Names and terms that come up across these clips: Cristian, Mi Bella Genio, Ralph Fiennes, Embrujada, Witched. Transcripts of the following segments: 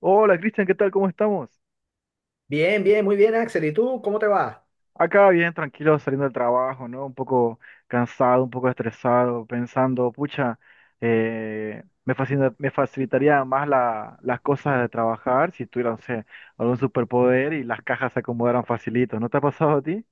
Hola Cristian, ¿qué tal? ¿Cómo estamos? Bien, bien, muy bien, Axel. ¿Y tú cómo te va? Acá bien, tranquilo, saliendo del trabajo, ¿no? Un poco cansado, un poco estresado, pensando, pucha, me facilitaría más las cosas de trabajar si tuviera, no sé, algún superpoder y las cajas se acomodaran facilito. ¿No te ha pasado a ti?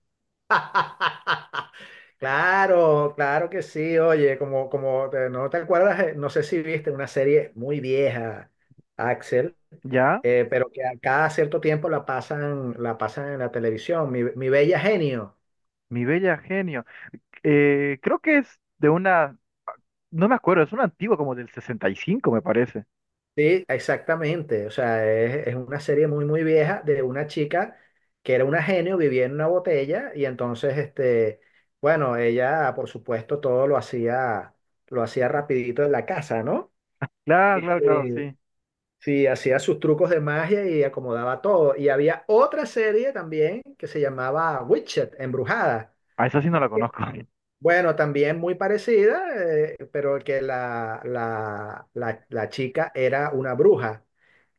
Claro, claro que sí. Oye, como, como no te acuerdas, no sé si viste una serie muy vieja, Axel, Ya, pero que a cada cierto tiempo la pasan en la televisión. Mi Bella Genio. mi bella genio. Creo que es de una, no me acuerdo, es una antigua como del 65, me parece. Sí, exactamente. O sea, es una serie muy, muy vieja de una chica que era una genio, vivía en una botella y entonces, este, bueno, ella, por supuesto, todo lo hacía rapidito en la casa, ¿no? Claro, claro, claro, Este, sí. sí, hacía sus trucos de magia y acomodaba todo. Y había otra serie también que se llamaba Witched, Embrujada. A esa sí no la conozco. Bueno, también muy parecida, pero que la chica era una bruja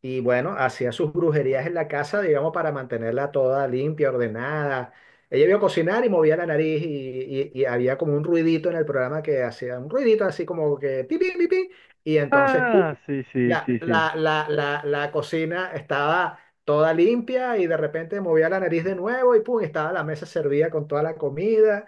y bueno, hacía sus brujerías en la casa, digamos, para mantenerla toda limpia, ordenada. Ella iba a cocinar y movía la nariz y había como un ruidito en el programa que hacía un ruidito así como que pi, pi, pi, pi, y entonces ¡pum! Ah, sí, sí, La, sí, sí. la, la, la, la cocina estaba toda limpia y de repente movía la nariz de nuevo y ¡pum! Estaba la mesa servida con toda la comida.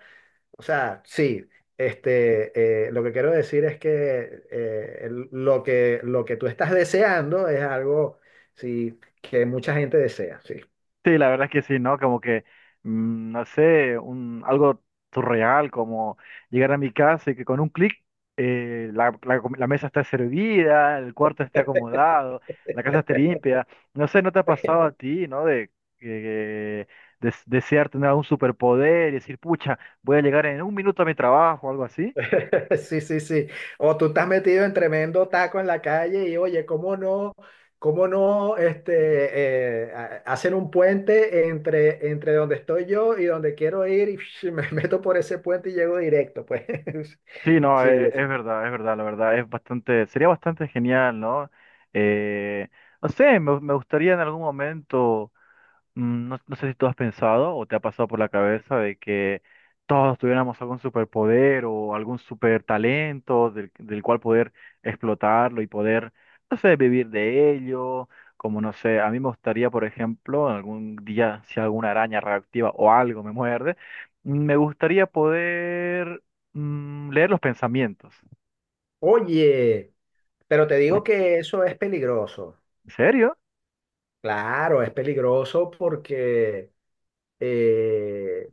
O sea, sí, este, lo que quiero decir es que, lo que lo que tú estás deseando es algo sí, que mucha gente desea, sí. Sí, la verdad es que sí, ¿no? Como que, no sé, un, algo surreal, como llegar a mi casa y que con un clic la mesa está servida, el cuarto esté acomodado, la casa esté limpia. No sé, ¿no te ha pasado a ti, ¿no? De, que- desear tener algún superpoder y decir, pucha, voy a llegar en un minuto a mi trabajo o algo así. Sí, sí, sí. O tú estás metido en tremendo taco en la calle y oye, cómo no hacen un puente entre, entre donde estoy yo y donde quiero ir y me meto por ese puente y llego directo, pues. Sí, no, Sí, es verdad, la verdad, es bastante, sería bastante genial, ¿no? Eh, no sé, me gustaría en algún momento. No, no sé si tú has pensado o te ha pasado por la cabeza de que todos tuviéramos algún superpoder o algún super talento del cual poder explotarlo y poder, no sé, vivir de ello. Como no sé, a mí me gustaría, por ejemplo, algún día, si alguna araña reactiva o algo me muerde, me gustaría poder leer los pensamientos. oye, pero te digo ¿En que eso es peligroso. serio? Claro, es peligroso porque, eh,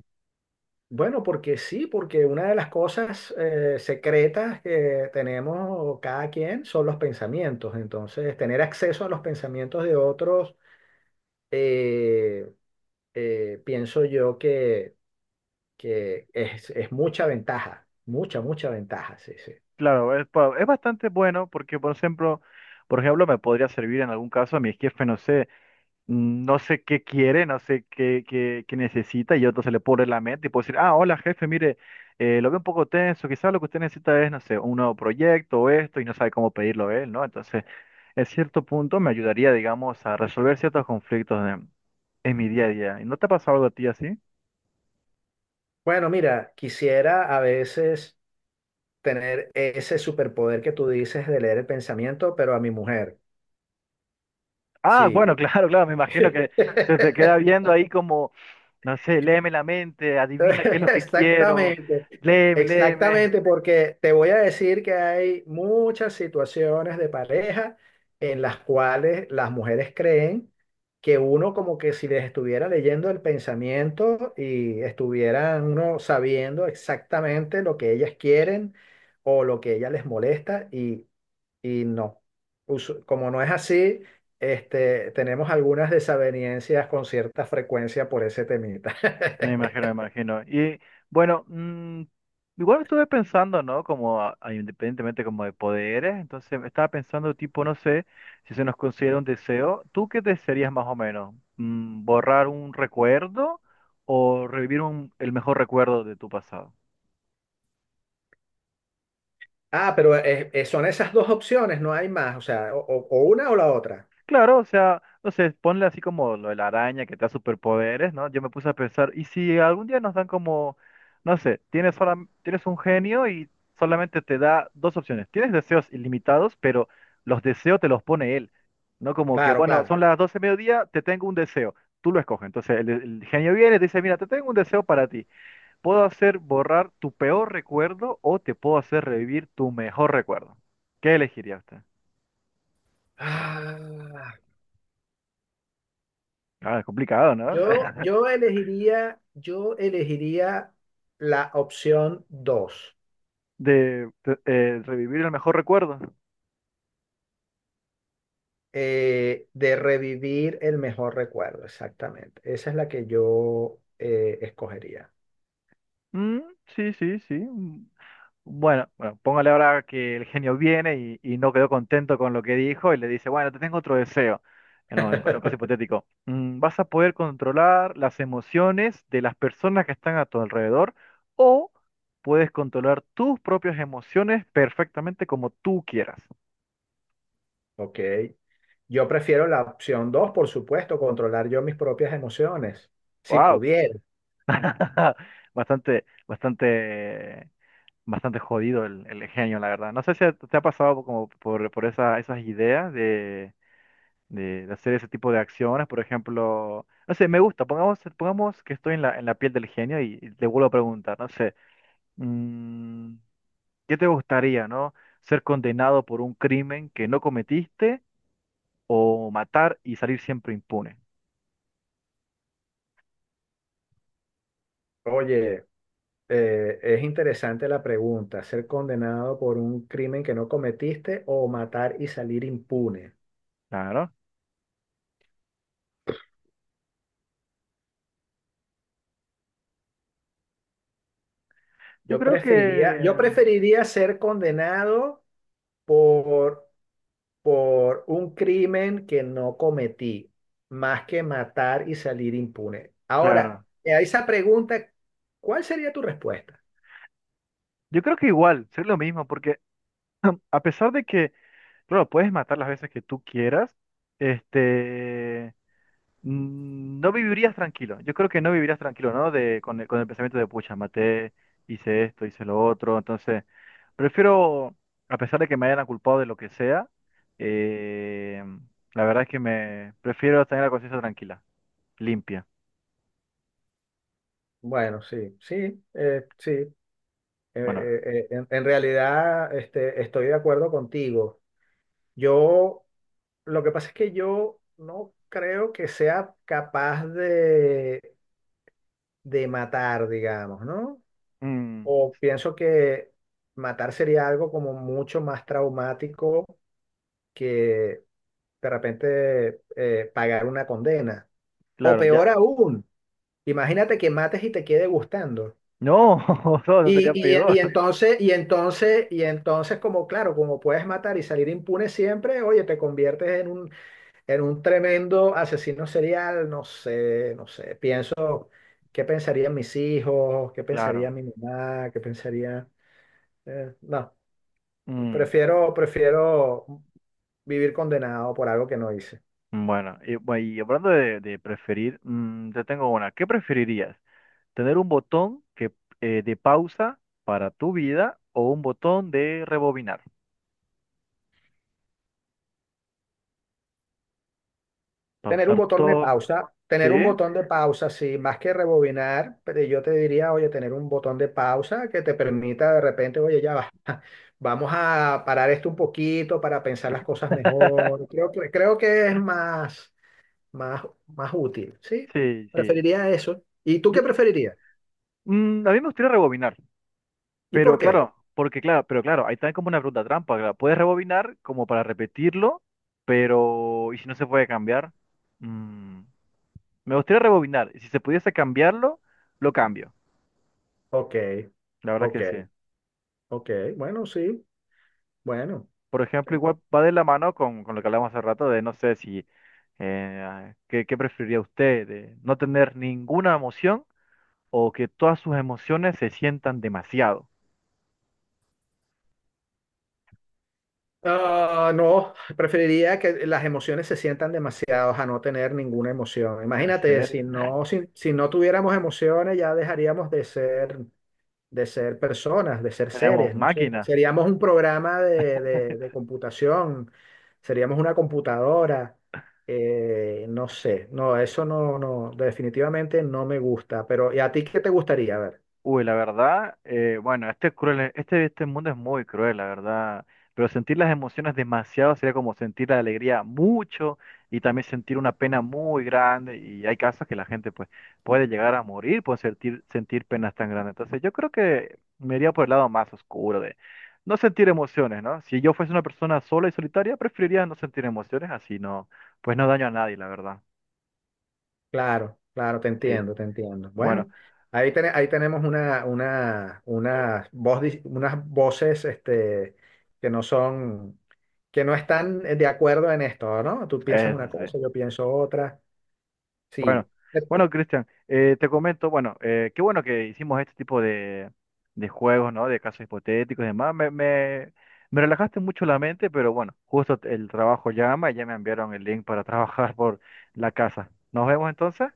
bueno, porque sí, porque una de las cosas secretas que tenemos cada quien son los pensamientos. Entonces, tener acceso a los pensamientos de otros, eh, pienso yo que es mucha ventaja, mucha, mucha ventaja, sí, sí. Claro, es, es bastante bueno porque, por ejemplo, me podría servir en algún caso a mi jefe, no sé. No sé qué quiere, no sé qué necesita, y otro se le pone en la mente y puede decir, ah, hola jefe, mire, lo veo un poco tenso, quizás lo que usted necesita es, no sé, un nuevo proyecto o esto, y no sabe cómo pedirlo él, ¿no? Entonces, en cierto punto me ayudaría, digamos, a resolver ciertos conflictos en mi día a día. ¿Y no te ha pasado algo a ti así? Bueno, mira, quisiera a veces tener ese superpoder que tú dices de leer el pensamiento, pero a mi mujer, Ah, sí. bueno, claro, claro, me imagino que se te queda viendo ahí como, no sé, léeme la mente, adivina qué es lo que quiero, Exactamente, léeme, léeme. exactamente, porque te voy a decir que hay muchas situaciones de pareja en las cuales las mujeres creen que uno como que si les estuviera leyendo el pensamiento y estuvieran uno sabiendo exactamente lo que ellas quieren o lo que ellas les molesta y no. Como no es así, este, tenemos algunas desavenencias con cierta frecuencia por ese temita. Me imagino, me imagino. Y bueno, igual estuve pensando, ¿no? Como independientemente como de poderes, entonces estaba pensando tipo, no sé, si se nos considera un deseo, ¿tú qué desearías más o menos? Mm, ¿borrar un recuerdo o revivir el mejor recuerdo de tu pasado? Ah, pero son esas dos opciones, no hay más, o sea, o una o la otra. Claro, o sea, no sé, ponle así como lo de la araña que te da superpoderes, ¿no? Yo me puse a pensar, ¿y si algún día nos dan como, no sé, tienes, tienes un genio y solamente te da dos opciones? Tienes deseos ilimitados, pero los deseos te los pone él, ¿no? Como que, Claro, bueno, claro. son las 12 de mediodía, te tengo un deseo, tú lo escoges. Entonces el genio viene y te dice, mira, te tengo un deseo para ti. Puedo hacer borrar tu peor recuerdo o te puedo hacer revivir tu mejor recuerdo. ¿Qué elegiría usted? Ah, Ah, es complicado, ¿no? Yo elegiría la opción dos, de, revivir el mejor recuerdo. De revivir el mejor recuerdo, exactamente. Esa es la que yo escogería. Mm, sí, sí, sí. Mm. Bueno, bueno, póngale ahora que el genio viene y no quedó contento con lo que dijo y le dice, bueno, te tengo otro deseo. No, en caso hipotético. Mm, vas a poder controlar las emociones de las personas que están a tu alrededor o puedes controlar tus propias emociones perfectamente como tú quieras. Ok. Yo prefiero la opción dos, por supuesto, controlar yo mis propias emociones, si Wow. pudiera. Bastante, bastante bastante jodido el genio, la verdad. No sé si te ha pasado como por esas ideas de, de hacer ese tipo de acciones, por ejemplo, no sé, me gusta, pongamos, pongamos que estoy en en la piel del genio y te vuelvo a preguntar, no sé, mm, ¿qué te gustaría, no? ¿Ser condenado por un crimen que no cometiste o matar y salir siempre impune? Oye, es interesante la pregunta, ser condenado por un crimen que no cometiste o matar y salir impune. Claro. Yo creo Yo que, preferiría ser condenado por, por un crimen que no cometí, más que matar y salir impune. Ahora, claro, a esa pregunta, ¿cuál sería tu respuesta? yo creo que igual, ser lo mismo, porque a pesar de que claro, puedes matar las veces que tú quieras. Este, no vivirías tranquilo. Yo creo que no vivirías tranquilo, ¿no? De, con con el pensamiento de, pucha, maté, hice esto, hice lo otro. Entonces, prefiero, a pesar de que me hayan culpado de lo que sea, eh, la verdad es que me prefiero tener la conciencia tranquila, limpia. Bueno, sí, sí, sí, Bueno, en realidad, este, estoy de acuerdo contigo. Yo, lo que pasa es que yo no creo que sea capaz de matar, digamos, ¿no? mm, O pienso que matar sería algo como mucho más traumático que de repente pagar una condena. O claro, ya. peor aún, imagínate que mates y te quede gustando. No, todo Y, sería y peor. entonces, como claro, como puedes matar y salir impune siempre, oye, te conviertes en un tremendo asesino serial, no sé, no sé, pienso, ¿qué pensarían mis hijos? ¿Qué pensaría Claro. mi mamá? ¿Qué pensaría? No, Mm. prefiero, prefiero vivir condenado por algo que no hice. Bueno, y, y hablando de preferir, yo tengo una. ¿Qué preferirías? ¿Tener un botón que, de pausa para tu vida o un botón de rebobinar? Tener un Pausar botón de todo. pausa, ¿Sí? tener un botón de pausa, sí, más que rebobinar, pero yo te diría, oye, tener un botón de pausa que te permita de repente, oye, ya va, vamos a parar esto un poquito para pensar las cosas mejor. Creo que es más, más, más útil, ¿sí? Sí, sí. Preferiría eso. ¿Y tú Yo- qué preferirías? A mí me gustaría rebobinar, ¿Y pero por qué? claro, porque claro, pero claro, ahí también como una pregunta trampa, claro, puedes rebobinar como para repetirlo, pero ¿y si no se puede cambiar? Mm, me gustaría rebobinar, y si se pudiese cambiarlo, lo cambio. Ok, La verdad ok, que sí. ok, bueno, sí, bueno. Por ejemplo, igual va de la mano con lo que hablamos hace rato de, no sé si, ¿qué, qué preferiría usted? ¿De no tener ninguna emoción o que todas sus emociones se sientan demasiado? Ah, no, preferiría que las emociones se sientan demasiados a no tener ninguna emoción. ¿En Imagínate, serio? si no, si no tuviéramos emociones, ya dejaríamos de ser personas, de ser Tenemos seres, no sé. máquinas. Seríamos un programa de, de computación, seríamos una computadora, no sé. No, eso no, no, definitivamente no me gusta. Pero, ¿y a ti qué te gustaría? A ver. Uy, la verdad, bueno, este es cruel, este, este mundo es muy cruel, la verdad. Pero sentir las emociones demasiado sería como sentir la alegría mucho y también sentir una pena muy grande. Y hay casos que la gente pues, puede llegar a morir por sentir, sentir penas tan grandes. Entonces yo creo que me iría por el lado más oscuro de no sentir emociones, ¿no? Si yo fuese una persona sola y solitaria, preferiría no sentir emociones, así no, pues no daño a nadie, la verdad. Claro, claro, te Sí, entiendo, te entiendo. bueno, Bueno, ahí tenemos una unas voces este, que no son, que no están de acuerdo en esto, ¿no? Tú piensas eso una sí. cosa, yo pienso otra. Sí. Bueno, Cristian, te comento, bueno, qué bueno que hicimos este tipo de juegos, ¿no? De casos hipotéticos y demás. Me relajaste mucho la mente, pero bueno, justo el trabajo llama y ya me enviaron el link para trabajar por la casa. Nos vemos entonces.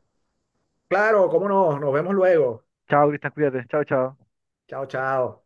Claro, cómo no, nos vemos luego. Chao, Cristian, cuídate. Chao, chao. Chao, chao.